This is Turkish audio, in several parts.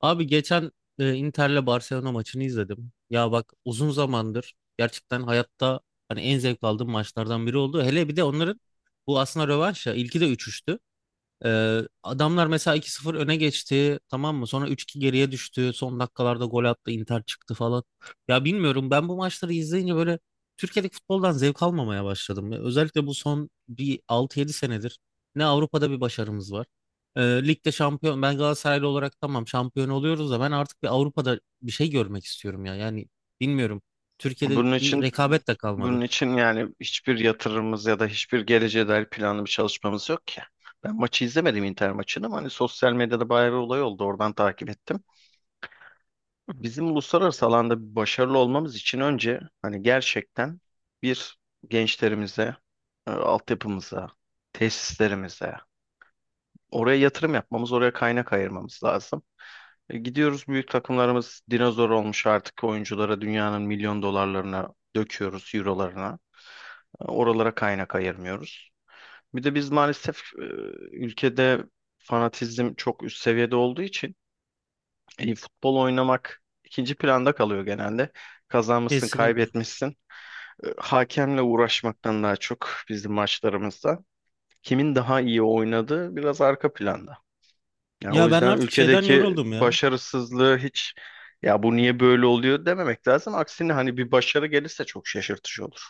Abi geçen Inter'le Barcelona maçını izledim. Ya bak uzun zamandır gerçekten hayatta hani en zevk aldığım maçlardan biri oldu. Hele bir de onların bu aslında rövanş ya. İlki de 3. Adamlar mesela 2-0 öne geçti, tamam mı? Sonra 3-2 geriye düştü. Son dakikalarda gol attı, Inter çıktı falan. Ya bilmiyorum, ben bu maçları izleyince böyle Türkiye'deki futboldan zevk almamaya başladım. Ya özellikle bu son bir 6 yedi senedir ne Avrupa'da bir başarımız var. Ee, Ligde şampiyon, ben Galatasaraylı olarak tamam şampiyon oluyoruz da ben artık bir Avrupa'da bir şey görmek istiyorum ya. Yani bilmiyorum. Türkiye'de Bunun bir için rekabet de bunun kalmadı. için yani hiçbir yatırımımız ya da hiçbir geleceğe dair planlı bir çalışmamız yok ki. Ben maçı izlemedim Inter maçını ama hani sosyal medyada bayağı bir olay oldu. Oradan takip ettim. Bizim uluslararası alanda başarılı olmamız için önce hani gerçekten bir gençlerimize, altyapımıza, tesislerimize oraya yatırım yapmamız, oraya kaynak ayırmamız lazım. Gidiyoruz büyük takımlarımız dinozor olmuş artık oyunculara dünyanın milyon dolarlarına döküyoruz, eurolarına. Oralara kaynak ayırmıyoruz. Bir de biz maalesef ülkede fanatizm çok üst seviyede olduğu için futbol oynamak ikinci planda kalıyor genelde. Kazanmışsın, Kesinlikle. kaybetmişsin. Hakemle uğraşmaktan daha çok bizim maçlarımızda kimin daha iyi oynadığı biraz arka planda. Yani o Ya ben yüzden artık şeyden ülkedeki yoruldum ya. başarısızlığı hiç ya bu niye böyle oluyor dememek lazım. Aksine hani bir başarı gelirse çok şaşırtıcı olur.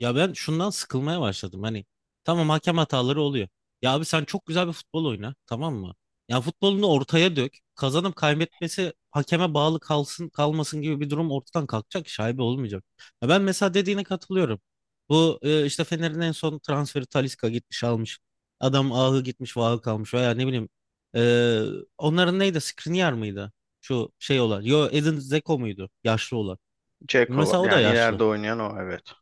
Ya ben şundan sıkılmaya başladım. Hani tamam, hakem hataları oluyor. Ya abi sen çok güzel bir futbol oyna, tamam mı? Ya futbolunu ortaya dök. Kazanıp kaybetmesi hakeme bağlı kalsın, kalmasın gibi bir durum ortadan kalkacak, şaibe olmayacak. Ya ben mesela dediğine katılıyorum. Bu işte Fener'in en son transferi Talisca gitmiş almış. Adam ahı gitmiş, vahı kalmış veya ne bileyim. e, Onların neydi? Skriniar mıydı? Şu şey olan. Yo, Edin Dzeko muydu? Yaşlı olan. Ceko var. Mesela o da Yani yaşlı. ileride oynayan o, evet.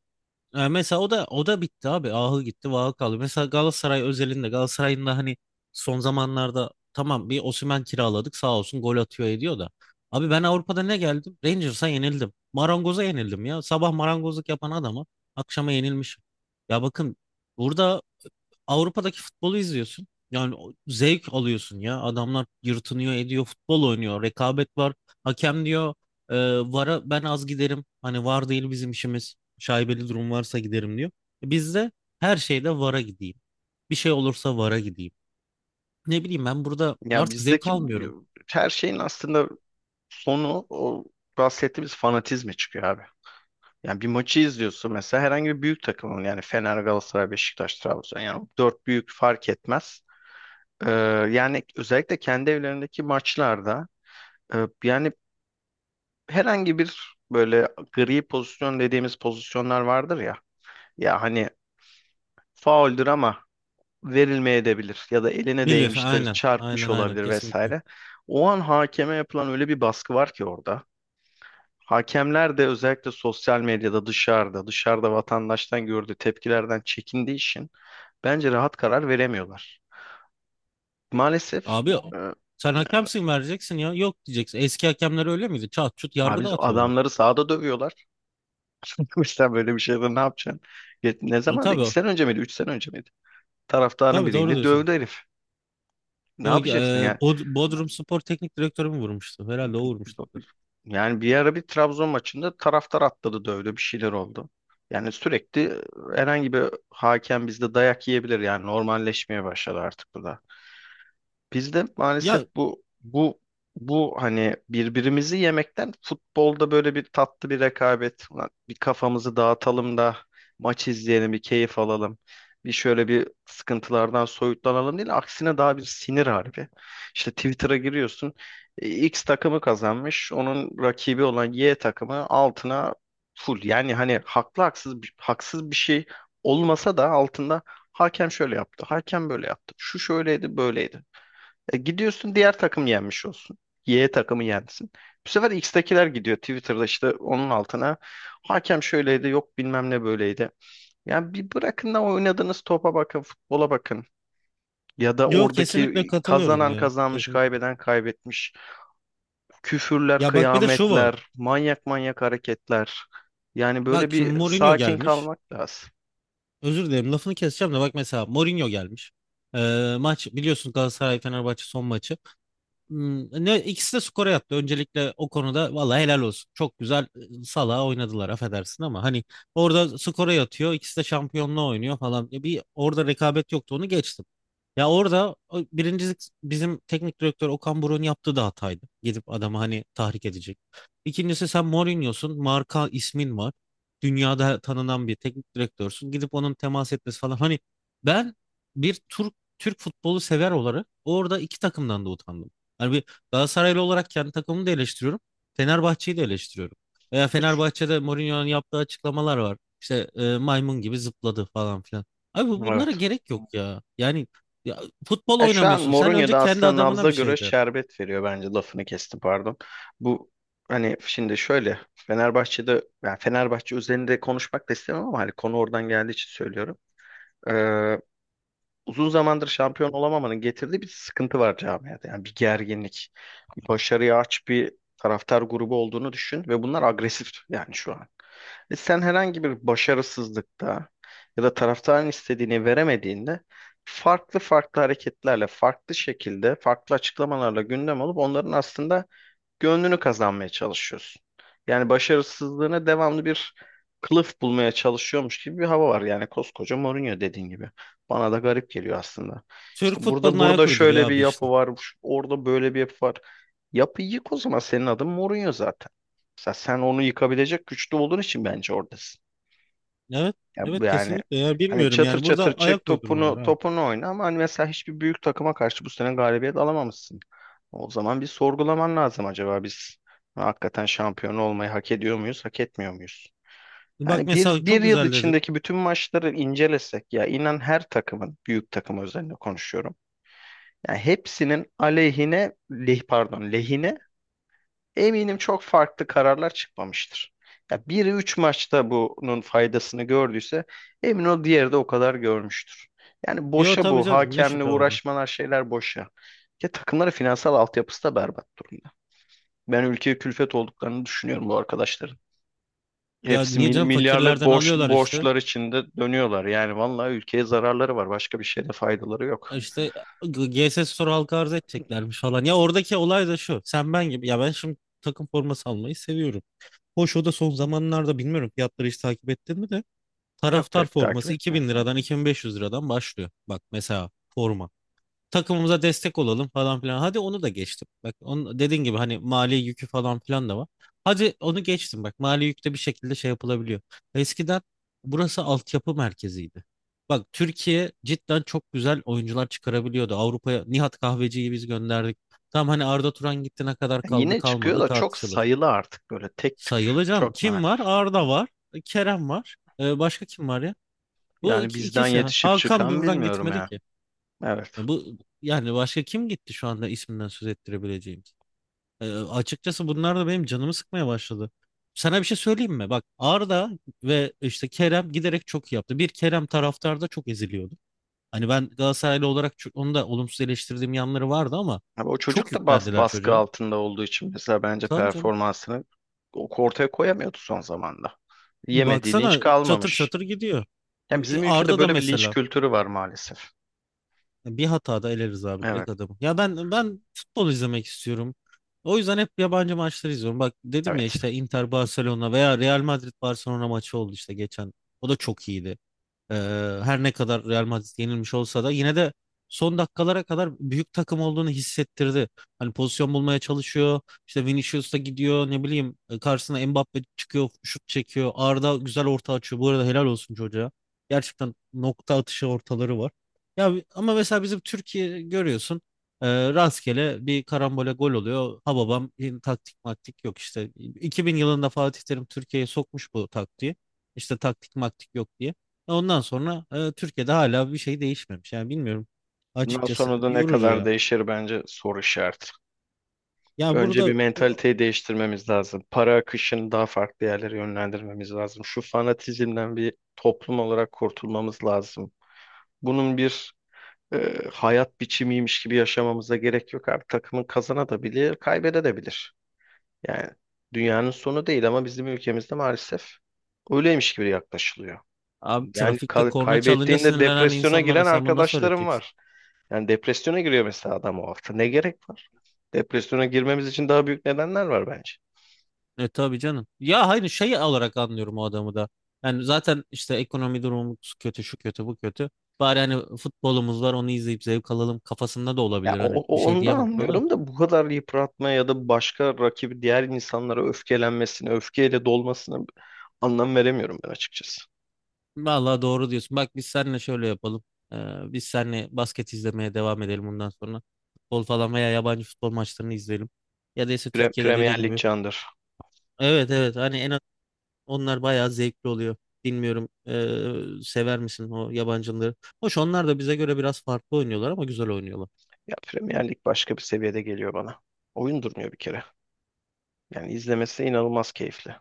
Mesela o da o da bitti abi. Ahı gitti, vahı kaldı. Mesela Galatasaray özelinde Galatasaray'ın da hani son zamanlarda tamam, bir Osimhen kiraladık sağ olsun, gol atıyor ediyor da. Abi ben Avrupa'da ne geldim? Rangers'a yenildim. Marangoz'a yenildim ya. Sabah marangozluk yapan adama akşama yenilmişim. Ya bakın, burada Avrupa'daki futbolu izliyorsun. Yani zevk alıyorsun ya. Adamlar yırtınıyor, ediyor, futbol oynuyor. Rekabet var. Hakem diyor, e, VAR'a ben az giderim. Hani VAR değil bizim işimiz. Şaibeli durum varsa giderim diyor. Biz her şeyde VAR'a gideyim. Bir şey olursa VAR'a gideyim. Ne bileyim, ben burada Ya artık zevk bizdeki almıyorum. her şeyin aslında sonu o bahsettiğimiz fanatizme çıkıyor abi. Yani bir maçı izliyorsun mesela herhangi bir büyük takımın yani Fener, Galatasaray, Beşiktaş, Trabzon yani dört büyük fark etmez. Ee, yani özellikle kendi evlerindeki maçlarda yani herhangi bir böyle gri pozisyon dediğimiz pozisyonlar vardır ya. Ya hani fauldür ama verilmeyebilir ya da eline Bilir, değmiştir, aynen. çarpmış Aynen, aynen, olabilir kesinlikle. vesaire. O an hakeme yapılan öyle bir baskı var ki orada. Hakemler de özellikle sosyal medyada dışarıda vatandaştan gördüğü tepkilerden çekindiği için bence rahat karar veremiyorlar. Maalesef Abi e, sen hakemsin, vereceksin ya. Yok diyeceksin. Eski hakemler öyle miydi? Çat çut yargı abi dağıtıyorlar. adamları sahada dövüyorlar. Sen böyle bir şeyde ne yapacaksın? Ne zaman? İki Tabii, sene önce miydi? Üç sene önce miydi? Taraftarın tabii, doğru birliğinde diyorsun. dövdü herif. Ne Yok, yapacaksın yani? Bodrum Spor Teknik Direktörü mü vurmuştu? Herhalde o vurmuştu. Yani bir ara bir Trabzon maçında taraftar atladı dövdü bir şeyler oldu. Yani sürekli herhangi bir hakem bizde dayak yiyebilir yani normalleşmeye başladı artık bu da. Biz de maalesef Ya bu hani birbirimizi yemekten futbolda böyle bir tatlı bir rekabet, ulan bir kafamızı dağıtalım da maç izleyelim, bir keyif alalım. Bir şöyle bir sıkıntılardan soyutlanalım değil, aksine daha bir sinir harbi. İşte Twitter'a giriyorsun, X takımı kazanmış, onun rakibi olan Y takımı altına full. Yani hani haklı haksız haksız bir şey olmasa da altında hakem şöyle yaptı, hakem böyle yaptı, şu şöyleydi, böyleydi. Gidiyorsun diğer takım yenmiş olsun. Y takımı yensin. Bu sefer X'tekiler gidiyor Twitter'da işte onun altına. Hakem şöyleydi yok bilmem ne böyleydi. Yani bir bırakın da oynadığınız topa bakın, futbola bakın. Ya da yok, kesinlikle oradaki katılıyorum kazanan ya. kazanmış, Kesinlikle. kaybeden kaybetmiş. Küfürler, Ya bak, bir de şu var. kıyametler, manyak manyak hareketler. Yani böyle Bak şimdi bir Mourinho sakin gelmiş. kalmak lazım. Özür dilerim, lafını keseceğim de bak mesela Mourinho gelmiş. Maç biliyorsun, Galatasaray Fenerbahçe son maçı. Ne ikisi de skora yattı. Öncelikle o konuda vallahi helal olsun. Çok güzel, salağa oynadılar, affedersin ama hani orada skora yatıyor. İkisi de şampiyonluğa oynuyor falan. Bir orada rekabet yoktu, onu geçtim. Ya orada, o birincisi, bizim teknik direktör Okan Buruk'un yaptığı da hataydı. Gidip adamı hani tahrik edecek. İkincisi, sen Mourinho'sun. Marka ismin var. Dünyada tanınan bir teknik direktörsün. Gidip onun temas etmesi falan. Hani ben bir Türk futbolu sever olarak orada iki takımdan da utandım. Hani bir Galatasaraylı olarak kendi takımımı da eleştiriyorum. Fenerbahçe'yi de eleştiriyorum. Veya E, şu- Fenerbahçe'de Mourinho'nun yaptığı açıklamalar var. İşte maymun gibi zıpladı falan filan. Abi bunlara Evet. gerek yok ya. Yani ya, futbol Ya şu an oynamıyorsun. Sen Mourinho önce da kendi aslında adamına nabza bir göre şey de. şerbet veriyor bence, lafını kestim pardon. Bu hani şimdi şöyle Fenerbahçe'de yani Fenerbahçe üzerinde konuşmak da istemem ama hani konu oradan geldiği için söylüyorum. Ee, uzun zamandır şampiyon olamamanın getirdiği bir sıkıntı var camiada. Yani bir gerginlik, bir başarıya aç bir taraftar grubu olduğunu düşün ve bunlar agresif yani şu an. Ve sen herhangi bir başarısızlıkta ya da taraftarın istediğini veremediğinde farklı farklı hareketlerle, farklı şekilde, farklı açıklamalarla gündem olup onların aslında gönlünü kazanmaya çalışıyorsun. Yani başarısızlığına devamlı bir kılıf bulmaya çalışıyormuş gibi bir hava var. Yani koskoca Mourinho dediğin gibi. Bana da garip geliyor aslında. İşte Türk burada futboluna ayak burada uyduruyor şöyle bir abi yapı işte. var, orada böyle bir yapı var. Yapıyı yık o zaman, senin adın Mourinho zaten. Mesela sen onu yıkabilecek güçlü olduğun için bence oradasın. Evet. Ya bu Evet, yani kesinlikle ya, hani bilmiyorum çatır yani, çatır burada çek ayak uydurma var topunu abi. topunu oyna ama hani mesela hiçbir büyük takıma karşı bu sene galibiyet alamamışsın. O zaman bir sorgulaman lazım, acaba biz hakikaten şampiyon olmayı hak ediyor muyuz, hak etmiyor muyuz? Bak Yani bir, mesela bir çok yıl güzel dedin. içindeki bütün maçları incelesek ya inan her takımın, büyük takım özelinde konuşuyorum. Yani hepsinin aleyhine, pardon, lehine eminim çok farklı kararlar çıkmamıştır. Ya biri 3 maçta bunun faydasını gördüyse emin ol diğeri de o kadar görmüştür. Yani Yo boşa tabii bu canım, ne hakemle şüphe onun. uğraşmalar, şeyler boşa. Ya takımların finansal altyapısı da berbat durumda. Ben ülkeye külfet olduklarını düşünüyorum bu arkadaşların. Ya Hepsi niye canım, milyarlık fakirlerden borç, alıyorlar işte. borçlar içinde dönüyorlar. Yani vallahi ülkeye zararları var. Başka bir şeyde faydaları yok. İşte GS Store halka arz edeceklermiş falan. Ya oradaki olay da şu. Sen ben gibi. Ya ben şimdi takım forması almayı seviyorum. Hoş, o da son zamanlarda, bilmiyorum, fiyatları hiç takip ettin mi de. Yok, Taraftar pek takip forması 2000 etmiyorum. liradan 2500 liradan başlıyor. Bak mesela forma, takımımıza destek olalım falan filan. Hadi onu da geçtim. Bak onun dediğin gibi hani mali yükü falan filan da var. Hadi onu geçtim, bak mali yükte bir şekilde şey yapılabiliyor. Eskiden burası altyapı merkeziydi. Bak Türkiye cidden çok güzel oyuncular çıkarabiliyordu. Avrupa'ya Nihat Kahveci'yi biz gönderdik. Tam hani Arda Turan gitti, ne kadar Yani kaldı yine çıkıyor kalmadı da çok tartışılır. sayılı artık böyle tek tük. Sayılacağım. Çok Kim var? nadir. Arda var. Kerem var. Başka kim var ya? Bu Yani bizden ikisi. yetişip Hakan çıkan buradan bilmiyorum gitmedi ya. ki. Evet. Ya bu yani başka kim gitti şu anda isminden söz ettirebileceğimiz? Açıkçası bunlar da benim canımı sıkmaya başladı. Sana bir şey söyleyeyim mi? Bak Arda ve işte Kerem giderek çok iyi yaptı. Bir Kerem, taraftar da çok eziliyordu. Hani ben Galatasaraylı olarak çok, onu da olumsuz eleştirdiğim yanları vardı ama Abi o çok çocuk da yüklendiler baskı çocuğa. altında olduğu için mesela bence Tabii canım. performansını ortaya koyamıyordu son zamanda. Yemediği linç Baksana çatır kalmamış. çatır gidiyor. Yani Abi, bizim ülkede Arda da böyle bir linç mesela. kültürü var maalesef. Bir hatada eleriz abi, direkt Evet, adamı. Ya ben futbol izlemek istiyorum. O yüzden hep yabancı maçları izliyorum. Bak dedim ya, evet. işte Inter Barcelona veya Real Madrid Barcelona maçı oldu işte geçen. O da çok iyiydi. Ee, Her ne kadar Real Madrid yenilmiş olsa da yine de son dakikalara kadar büyük takım olduğunu hissettirdi. Hani pozisyon bulmaya çalışıyor. İşte Vinicius da gidiyor, ne bileyim, karşısına Mbappe çıkıyor, şut çekiyor. Arda güzel orta açıyor. Bu arada helal olsun çocuğa. Gerçekten nokta atışı ortaları var. Ya ama mesela bizim Türkiye görüyorsun, rastgele bir karambole gol oluyor. Ha babam, taktik maktik yok işte. 2000 yılında Fatih Terim Türkiye'ye sokmuş bu taktiği. İşte taktik maktik yok diye. Ondan sonra Türkiye'de hala bir şey değişmemiş. Yani bilmiyorum. Bundan Açıkçası sonra da ne yorucu kadar ya. değişir bence soru işareti. Ya Önce burada bir e, mentaliteyi değiştirmemiz lazım. Para akışını daha farklı yerlere yönlendirmemiz lazım. Şu fanatizmden bir toplum olarak kurtulmamız lazım. Bunun bir hayat biçimiymiş gibi yaşamamıza gerek yok. Artık takımın kazanabilir, kaybedebilir. Yani dünyanın sonu değil ama bizim ülkemizde maalesef öyleymiş gibi yaklaşılıyor. abi, Yani trafikte korna çalınca kaybettiğinde sinirlenen depresyona insanlara giren sen bunu nasıl arkadaşlarım öğreteceksin? var. Yani depresyona giriyor mesela adam o hafta. Ne gerek var? Depresyona girmemiz için daha büyük nedenler var bence. E tabii canım. Ya hayır, şey olarak anlıyorum o adamı da. Yani zaten işte ekonomi durumumuz kötü, şu kötü, bu kötü. Bari hani futbolumuz var, onu izleyip zevk alalım kafasında da Ya olabilir. Hani bir şey onu da diyemem buna da. anlıyorum da bu kadar yıpratma ya da başka rakibi diğer insanlara öfkelenmesine, öfkeyle dolmasına anlam veremiyorum ben açıkçası. Vallahi doğru diyorsun. Bak biz seninle şöyle yapalım. Biz seninle basket izlemeye devam edelim bundan sonra. Futbol falan veya yabancı futbol maçlarını izleyelim. Ya da ise Türkiye'de Premier dediğin Lig gibi. candır. Evet, evet, hani en az onlar bayağı zevkli oluyor. Bilmiyorum, sever misin o yabancıları? Hoş onlar da bize göre biraz farklı oynuyorlar ama güzel oynuyorlar. Ya Premier Lig başka bir seviyede geliyor bana. Oyun durmuyor bir kere. Yani izlemesi inanılmaz keyifli.